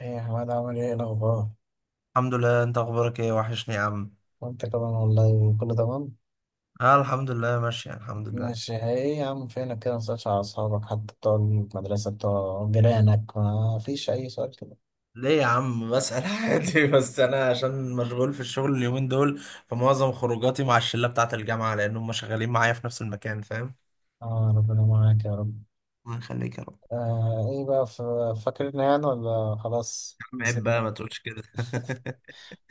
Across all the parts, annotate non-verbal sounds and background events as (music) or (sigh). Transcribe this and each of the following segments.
ايه يا حماد، عامل ايه؟ إيه الاخبار؟ الحمد لله، انت اخبارك ايه؟ وحشني يا عم. وانت كمان والله كله تمام. اه، الحمد لله، ماشي الحمد لله. ماشي. ايه يا عم فينك كده، مسألش على اصحابك حتى بتوع المدرسه بتوع جيرانك، ما فيش اي سؤال كده؟ ليه يا عم؟ بسأل عادي. (laughs) بس انا عشان مشغول في الشغل اليومين دول، فمعظم خروجاتي مع الشلة بتاعت الجامعة، لان هم شغالين معايا في نفس المكان، فاهم؟ اه، ربنا معاك يا رب. الله يخليك يا رب. آه، ايه بقى فاكرنا يعني ولا خلاص يا عم، عيب بقى، نسيتنا؟ ما تقولش كده.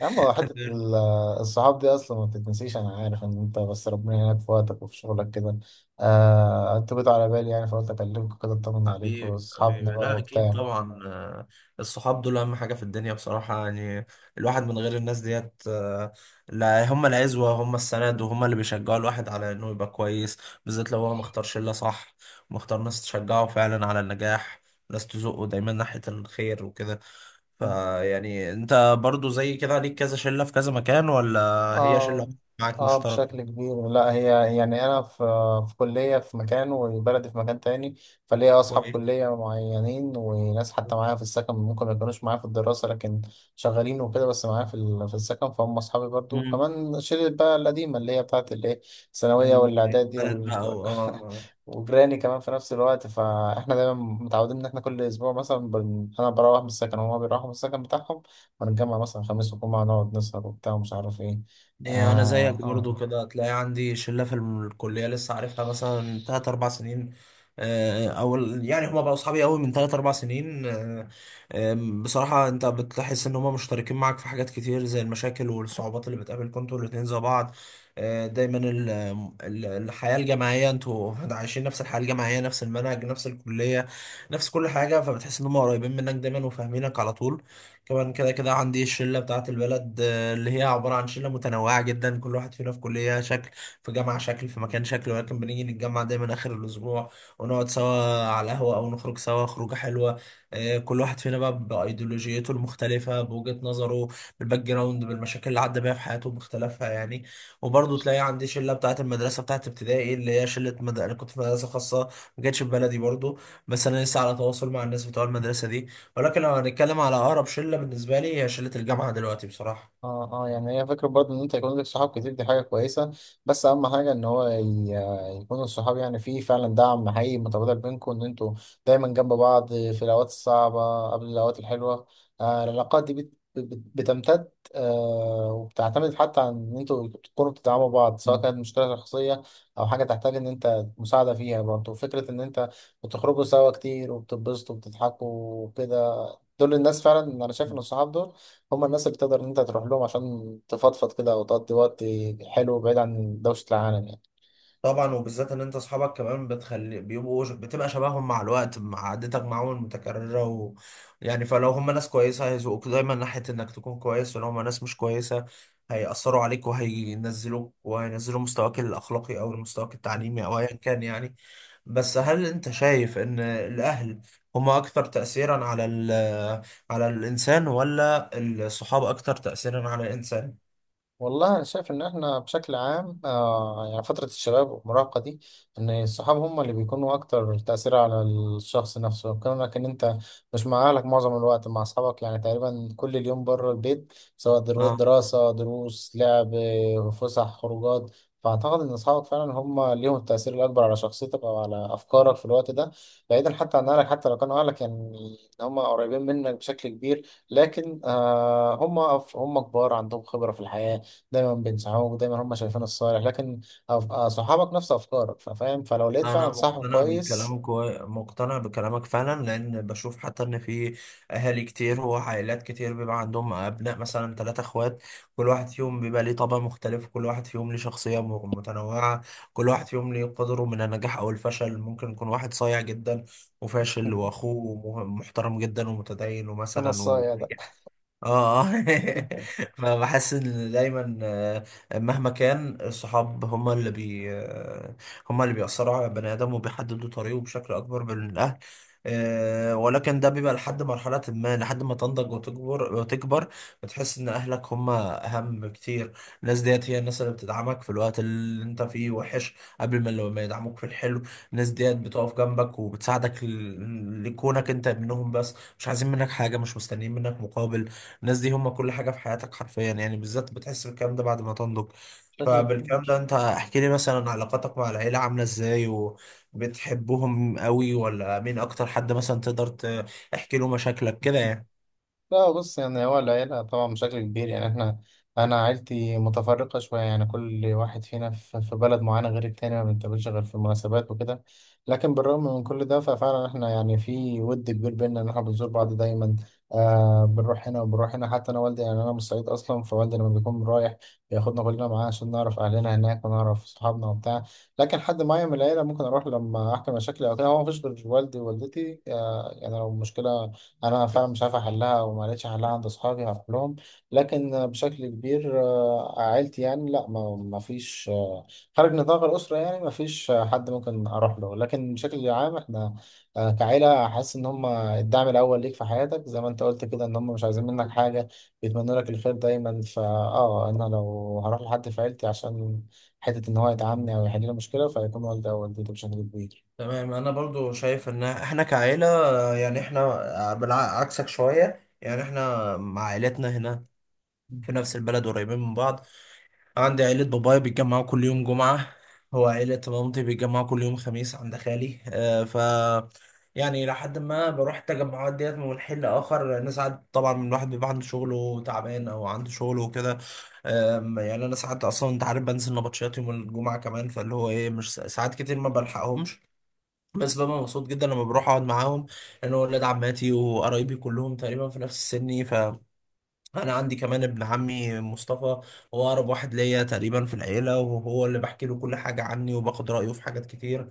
يا عم هو حته دول. الصحاب دي اصلا ما بتتنسيش، انا عارف ان انت بس ربنا يعينك في وقتك وفي شغلك كده. آه انت بقيت على بالي يعني فقلت اكلمك كده اطمن عليك حبيبي واصحابنا حبيبي، بقى لا اكيد وبتاع. طبعا، الصحاب دول اهم حاجه في الدنيا بصراحه، يعني الواحد من غير الناس ديت، لا، هم العزوه، هم السند، وهم اللي بيشجعوا الواحد على انه يبقى كويس، بالذات لو هو مختار شله صح، مختار ناس تشجعه فعلا على النجاح، ناس تزقه دايما ناحيه الخير وكده. فيعني انت برضو زي كده، ليك كذا شله في كذا مكان ولا؟ هي شله اه معاك اه، بشكل مشتركه؟ كبير. لا هي يعني انا في كليه في مكان وبلدي في مكان تاني، فليا اصحاب كويس. كليه معينين وناس حتى معايا في السكن ممكن ما يكونوش معايا في الدراسه، لكن شغالين وكده، بس معايا في في السكن، فهم اصحابي برضو. مم. وكمان شله بقى القديمه اللي هي بتاعت الايه، الثانويه والاعدادي البلد بقى (laughs) اه وجيراني كمان في نفس الوقت، فاحنا دايما متعودين ان احنا كل اسبوع مثلا انا بروح من السكن وهما بيروحوا من السكن بتاعهم، ونتجمع مثلا خميس وجمعه نقعد نسهر وبتاع ومش عارف ايه. إيه، انا اه زيك برضو اه كده، هتلاقي عندي شله في الكليه لسه عارفها مثلا تلات اربع سنين. او يعني هما بقوا اصحابي قوي من تلات اربع سنين. بصراحه انت بتحس ان هما مشتركين معاك في حاجات كتير، زي المشاكل والصعوبات اللي بتقابلكم انتوا الاتنين زي بعض. دايما الحياه الجامعيه، انتوا عايشين نفس الحياه الجامعيه، نفس المنهج، نفس الكليه، نفس كل حاجه، فبتحس ان هما قريبين منك دايما، وفاهمينك على طول. كمان، كده كده، عندي الشله بتاعه البلد، اللي هي عبارة عن شلة متنوعة جدا، كل واحد فينا في كلية شكل، في جامعة شكل، في مكان شكل، ولكن بنيجي نتجمع دايما آخر الأسبوع، ونقعد سوا على القهوة، أو نخرج سوا خروجة حلوة. كل واحد فينا بقى بأيديولوجيته المختلفة، بوجهة نظره، بالباك جراوند، بالمشاكل اللي عدى بيها في حياته باختلافها، يعني. وبرضه تلاقي عندي شلة بتاعة المدرسة، بتاعة ابتدائي، اللي هي شلة أنا كنت في مدرسة خاصة، ما كانتش في بلدي برضه، بس أنا لسه على تواصل مع الناس بتوع المدرسة دي. ولكن لو هنتكلم على أقرب شلة بالنسبة لي، هي شلة الجامعة دلوقتي بصراحة. اه اه. يعني هي فكرة برضه ان انت يكون لك صحاب كتير، دي حاجة كويسة، بس اهم حاجة ان هو يكون الصحاب يعني فيه فعلا دعم حقيقي متبادل بينكم، ان انتوا دايما جنب بعض في الاوقات الصعبة قبل الاوقات الحلوة. آه، العلاقات دي بت بتمتد، وبتعتمد حتى عن ان انتوا تكونوا بتدعموا بعض سواء مم. كانت مشكلة شخصية او حاجة تحتاج ان انت مساعدة فيها. برضه فكرة ان انت بتخرجوا سوا كتير وبتتبسطوا وبتضحكوا وكده، دول الناس فعلا انا شايف ان الصحاب دول هم الناس اللي تقدر ان انت تروح لهم عشان تفضفض كده او تقضي وقت حلو بعيد عن دوشة العالم يعني. طبعا، وبالذات ان انت اصحابك كمان بتخلي بيبقوا بتبقى شبههم مع الوقت، مع عادتك معاهم المتكرره يعني فلو هم ناس كويسه هيزقوك دايما ناحيه انك تكون كويس، ولو هم ناس مش كويسه هيأثروا عليك، وهينزلوك، وهينزلوا مستواك الاخلاقي او مستواك التعليمي او ايا كان، يعني. بس هل انت شايف ان الاهل هم اكثر تأثيرا على على الانسان، ولا الصحاب اكثر تأثيرا على الانسان؟ والله أنا شايف إن إحنا بشكل عام، يعني فترة الشباب والمراهقة دي، إن الصحاب هم اللي بيكونوا أكتر تأثير على الشخص نفسه، كونك إن أنت مش مع أهلك معظم الوقت، مع أصحابك يعني تقريبا كل اليوم بره البيت، سواء آه. دراسة دروس لعب، فسح خروجات. فأعتقد إن أصحابك فعلا هم ليهم التأثير الأكبر على شخصيتك أو على أفكارك في الوقت ده، بعيدا حتى عن أهلك. حتى لو كانوا أهلك يعني هم قريبين منك بشكل كبير، لكن آه، هم هم كبار عندهم خبرة في الحياة، دايما بينصحوك، دايما هم شايفين الصالح. لكن صحابك نفس افكارك فاهم، فلو لقيت انا فعلا صاحب مقتنع كويس. بالكلامك مقتنع بكلامك فعلا، لان بشوف حتى ان في اهالي كتير وعائلات كتير بيبقى عندهم ابناء، مثلا ثلاثة اخوات، كل واحد فيهم بيبقى ليه طبع مختلف، كل واحد فيهم ليه شخصية متنوعة كل واحد فيهم ليه قدره من النجاح او الفشل، ممكن يكون واحد صايع جدا وفاشل، (laughs) واخوه محترم جدا ومتدين انا ومثلا الصايع ده وناجح. اه اه. (laughs) فبحس ان دايما، مهما كان الصحاب هما اللي بي آه، هما اللي بيأثروا على البني ادم، وبيحددوا طريقه بشكل اكبر من الاهل. ولكن ده بيبقى لحد مرحلة ما، لحد ما تنضج وتكبر وتكبر، بتحس ان اهلك هما اهم كتير. الناس ديت هي الناس اللي بتدعمك في الوقت اللي انت فيه وحش، قبل ما لما يدعموك في الحلو. الناس ديت بتقف جنبك وبتساعدك لكونك انت منهم، بس مش عايزين منك حاجة، مش مستنيين منك مقابل. الناس دي هم كل حاجة في حياتك حرفيا، يعني بالذات بتحس بالكلام ده بعد ما تنضج. شكلي فبالكلام ده، كبير. انت احكي لي مثلا، علاقاتك مع العيلة عاملة ازاي؟ وبتحبهم قوي؟ ولا مين اكتر حد مثلا تقدر تحكي له مشاكلك كده، يعني. لا بص، يعني هو العيلة طبعا بشكل كبير يعني احنا، أنا عيلتي متفرقة شوية، يعني كل واحد فينا في بلد معينة غير التاني، ما بنتقابلش غير في المناسبات وكده. لكن بالرغم من كل ده ففعلا احنا يعني في ود كبير بينا، إن احنا بنزور بعض دايما، آه بنروح هنا وبنروح هنا. حتى أنا والدي، يعني أنا من الصعيد أصلا، فوالدي لما بيكون رايح بياخدنا كلنا معاه عشان نعرف أهلنا هناك ونعرف صحابنا وبتاع. لكن حد معين من العيلة ممكن أروح لما أحكي مشاكلي أو كده، هو مفيش غير والدي ووالدتي، آه يعني لو مشكلة انا فعلا مش عارف احلها وما لقيتش حلها عند اصحابي هروح لهم. لكن بشكل كبير، آه، عيلتي يعني لا، ما فيش خارج نطاق الاسره، يعني ما فيش حد ممكن اروح له. لكن بشكل عام احنا، كعيله حاسس ان هم الدعم الاول ليك في حياتك، زي ما انت قلت كده، ان هم مش عايزين منك حاجه، بيتمنوا لك الخير دايما. فاه انا لو هروح لحد في عيلتي عشان حته ان هو يدعمني او يحل لي مشكله فهيكون والدي او والدتي بشكل كبير. تمام، انا برضو شايف ان احنا كعيلة، يعني احنا بالعكسك شوية، يعني احنا مع عائلتنا هنا في نفس البلد، قريبين من بعض. عندي عيلة بابايا بيتجمعوا كل يوم جمعة، وعيلة مامتي بيتجمعوا كل يوم خميس عند خالي. آه ف يعني لحد ما بروح التجمعات ديت من حين لآخر، لأن ساعات طبعا الواحد بيبقى عنده شغله تعبان أو عنده شغله وكده. يعني أنا ساعات أصلا، أنت عارف بنزل نبطشيات يوم الجمعة كمان، فاللي هو إيه، مش ساعات كتير ما بلحقهمش، بس ببقى مبسوط جدا لما بروح أقعد معاهم، لأن هو ولاد عماتي وقرايبي كلهم تقريبا في نفس سني. ف انا عندي كمان ابن عمي مصطفى، هو اقرب واحد ليا تقريبا في العيله، وهو اللي بحكي له كل حاجه عني، وباخد رايه في حاجات كتير.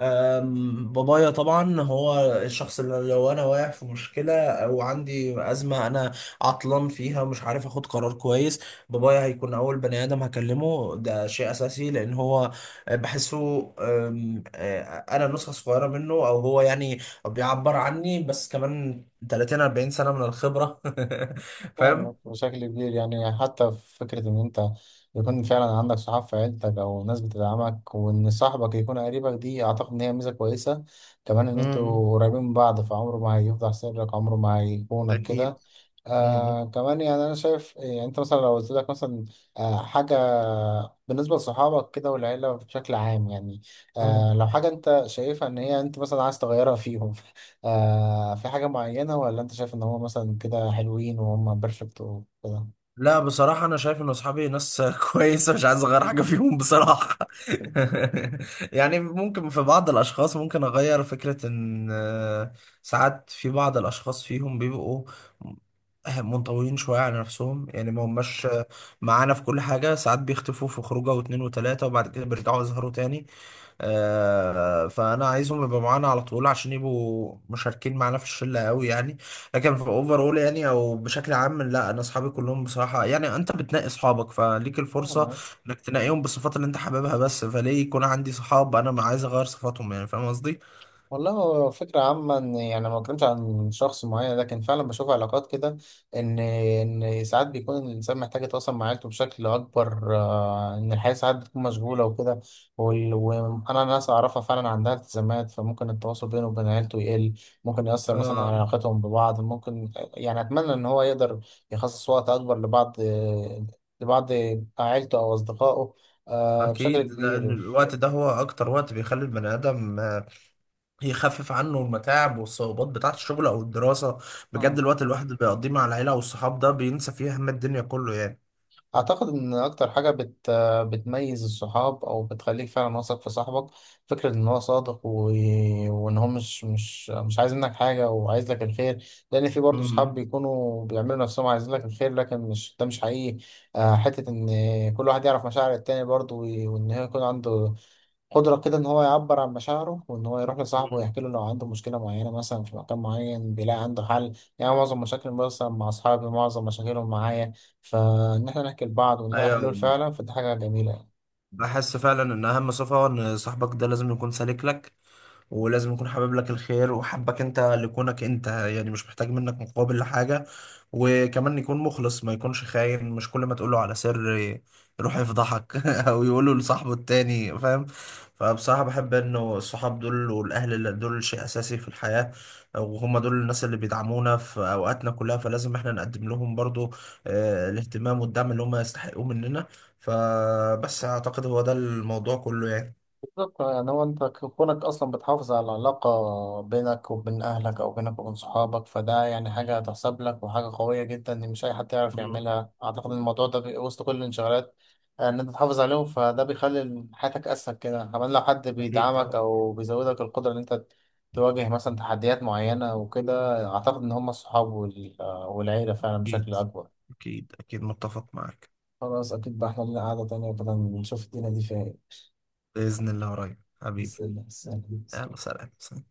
بابايا طبعا هو الشخص اللي لو انا واقع في مشكله او عندي ازمه، انا عطلان فيها، مش عارف اخد قرار كويس، بابايا هيكون اول بني ادم هكلمه، ده شيء اساسي، لان هو بحسه. أم، انا نسخه صغيره منه، او هو يعني بيعبر عني، بس كمان 30-40 سنه من الخبره. (laughs) فاهم؟ فاهمك بشكل كبير، يعني حتى في فكرة إن أنت يكون فعلا عندك صحاب في عيلتك أو ناس بتدعمك، وإن صاحبك يكون قريبك دي أعتقد إن هي ميزة كويسة، كمان إن امم. أنتوا قريبين من بعض، فعمره ما هيفضح سرك، عمره ما هيخونك كده. اكيد. امم. آه كمان يعني أنا شايف، يعني أنت مثلا لو قلت لك مثلا آه حاجة بالنسبة لصحابك كده والعيلة بشكل عام يعني، آه أمم. لو حاجة أنت شايفها إن هي أنت مثلا عايز تغيرها فيهم، (laughs) آه في حاجة معينة، ولا أنت شايف إن هو مثلا كده حلوين وهم بيرفكت وكده؟ لا بصراحة، أنا شايف إن أصحابي ناس (laughs) كويسة، مش عايز أغير حاجة (laughs) فيهم بصراحة. (laughs) يعني ممكن في بعض الأشخاص ممكن أغير، فكرة إن ساعات في بعض الأشخاص فيهم بيبقوا منطويين شوية على نفسهم، يعني ما هماش معانا في كل حاجة، ساعات بيختفوا في خروجة واتنين وتلاتة وبعد كده بيرجعوا يظهروا تاني. فأنا عايزهم يبقوا معانا على طول، عشان يبقوا مشاركين معانا في الشلة قوي، يعني. لكن في اوفر يعني، او بشكل عام لا، انا اصحابي كلهم بصراحه، يعني انت بتنقي اصحابك، فليك الفرصه آه، انك تنقيهم بالصفات اللي انت حاببها بس، فليه يكون عندي صحاب انا ما عايز اغير صفاتهم، يعني فاهم قصدي؟ والله هو فكرة عامة، إن يعني ما بتكلمش عن شخص معين، لكن فعلا بشوف علاقات كده، إن ساعات بيكون الإنسان محتاج يتواصل مع عيلته بشكل أكبر، آه، إن الحياة ساعات بتكون مشغولة وكده، وأنا ناس أعرفها فعلا عندها التزامات، فممكن التواصل بينه وبين عيلته يقل، ممكن يأثر مثلا آه، على علاقتهم ببعض. ممكن يعني أتمنى إن هو يقدر يخصص وقت أكبر لبعض، لبعض عيلته أو أصدقائه، آه، بشكل اكيد. لان كبير. الوقت ده هو اكتر وقت بيخلي البني ادم، يخفف عنه المتاعب والصعوبات بتاعه الشغل او الدراسه. بجد آه. الوقت الواحد اللي بيقضيه مع العيله والصحاب ده، بينسى فيه هم الدنيا كله، يعني. أعتقد إن أكتر حاجة بتميز الصحاب أو بتخليك فعلا واثق في صاحبك فكرة إن هو صادق، وإن هو مش عايز منك حاجة وعايز لك الخير، لأن في برضه صحاب امم. بيكونوا بيعملوا نفسهم عايزين لك الخير لكن مش ده مش حقيقي. آه، حتة إن كل واحد يعرف مشاعر التاني برضه، و... وإن هو يكون عنده قدرة كده إن هو يعبر عن مشاعره وإن هو يروح لصاحبه ويحكي له لو عنده مشكلة معينة، مثلا في مكان معين بيلاقي عنده حل. يعني معظم مشاكل مثلا مع أصحابي، معظم مشاكلهم معايا، فإن إحنا نحكي لبعض ونلاقي ايوه. حلول فعلا، فدي حاجة جميلة يعني. بحس فعلا ان اهم صفه ان صاحبك ده لازم يكون سالك لك، ولازم يكون حابب لك الخير، وحبك انت لكونك انت، يعني مش محتاج منك مقابل لحاجة. وكمان يكون مخلص، ما يكونش خاين، مش كل ما تقوله على سر يروح يفضحك (laughs) او يقوله لصاحبه التاني، فاهم. فبصراحة بحب انه الصحاب دول والاهل اللي دول شيء اساسي في الحياة، وهم دول الناس اللي بيدعمونا في اوقاتنا كلها، فلازم احنا نقدم لهم برضو الاهتمام والدعم اللي هم يستحقوه مننا. فبس اعتقد هو ده الموضوع كله، يعني. بالظبط. يعني هو انت كونك اصلا بتحافظ على العلاقة بينك وبين اهلك او بينك وبين صحابك، فده يعني حاجة هتحسب لك وحاجة قوية جدا ان مش اي حد يعرف مم. يعملها. اعتقد ان الموضوع ده وسط كل الانشغالات، آه، ان انت تحافظ عليهم، فده بيخلي حياتك اسهل كده. كمان لو حد أكيد بيدعمك طبعا. او بيزودك القدرة ان انت تواجه مثلا تحديات معينة وكده، اعتقد ان هم الصحاب والعيلة فعلا بشكل أكيد. اكبر. أكيد أكيد متفق معك. خلاص، اكيد بقى احنا لنا قعدة تانية بدل نشوف الدنيا دي فيها ايه. بإذن الله قريب حبيبي. بس- بس- يلا، سلام سلام.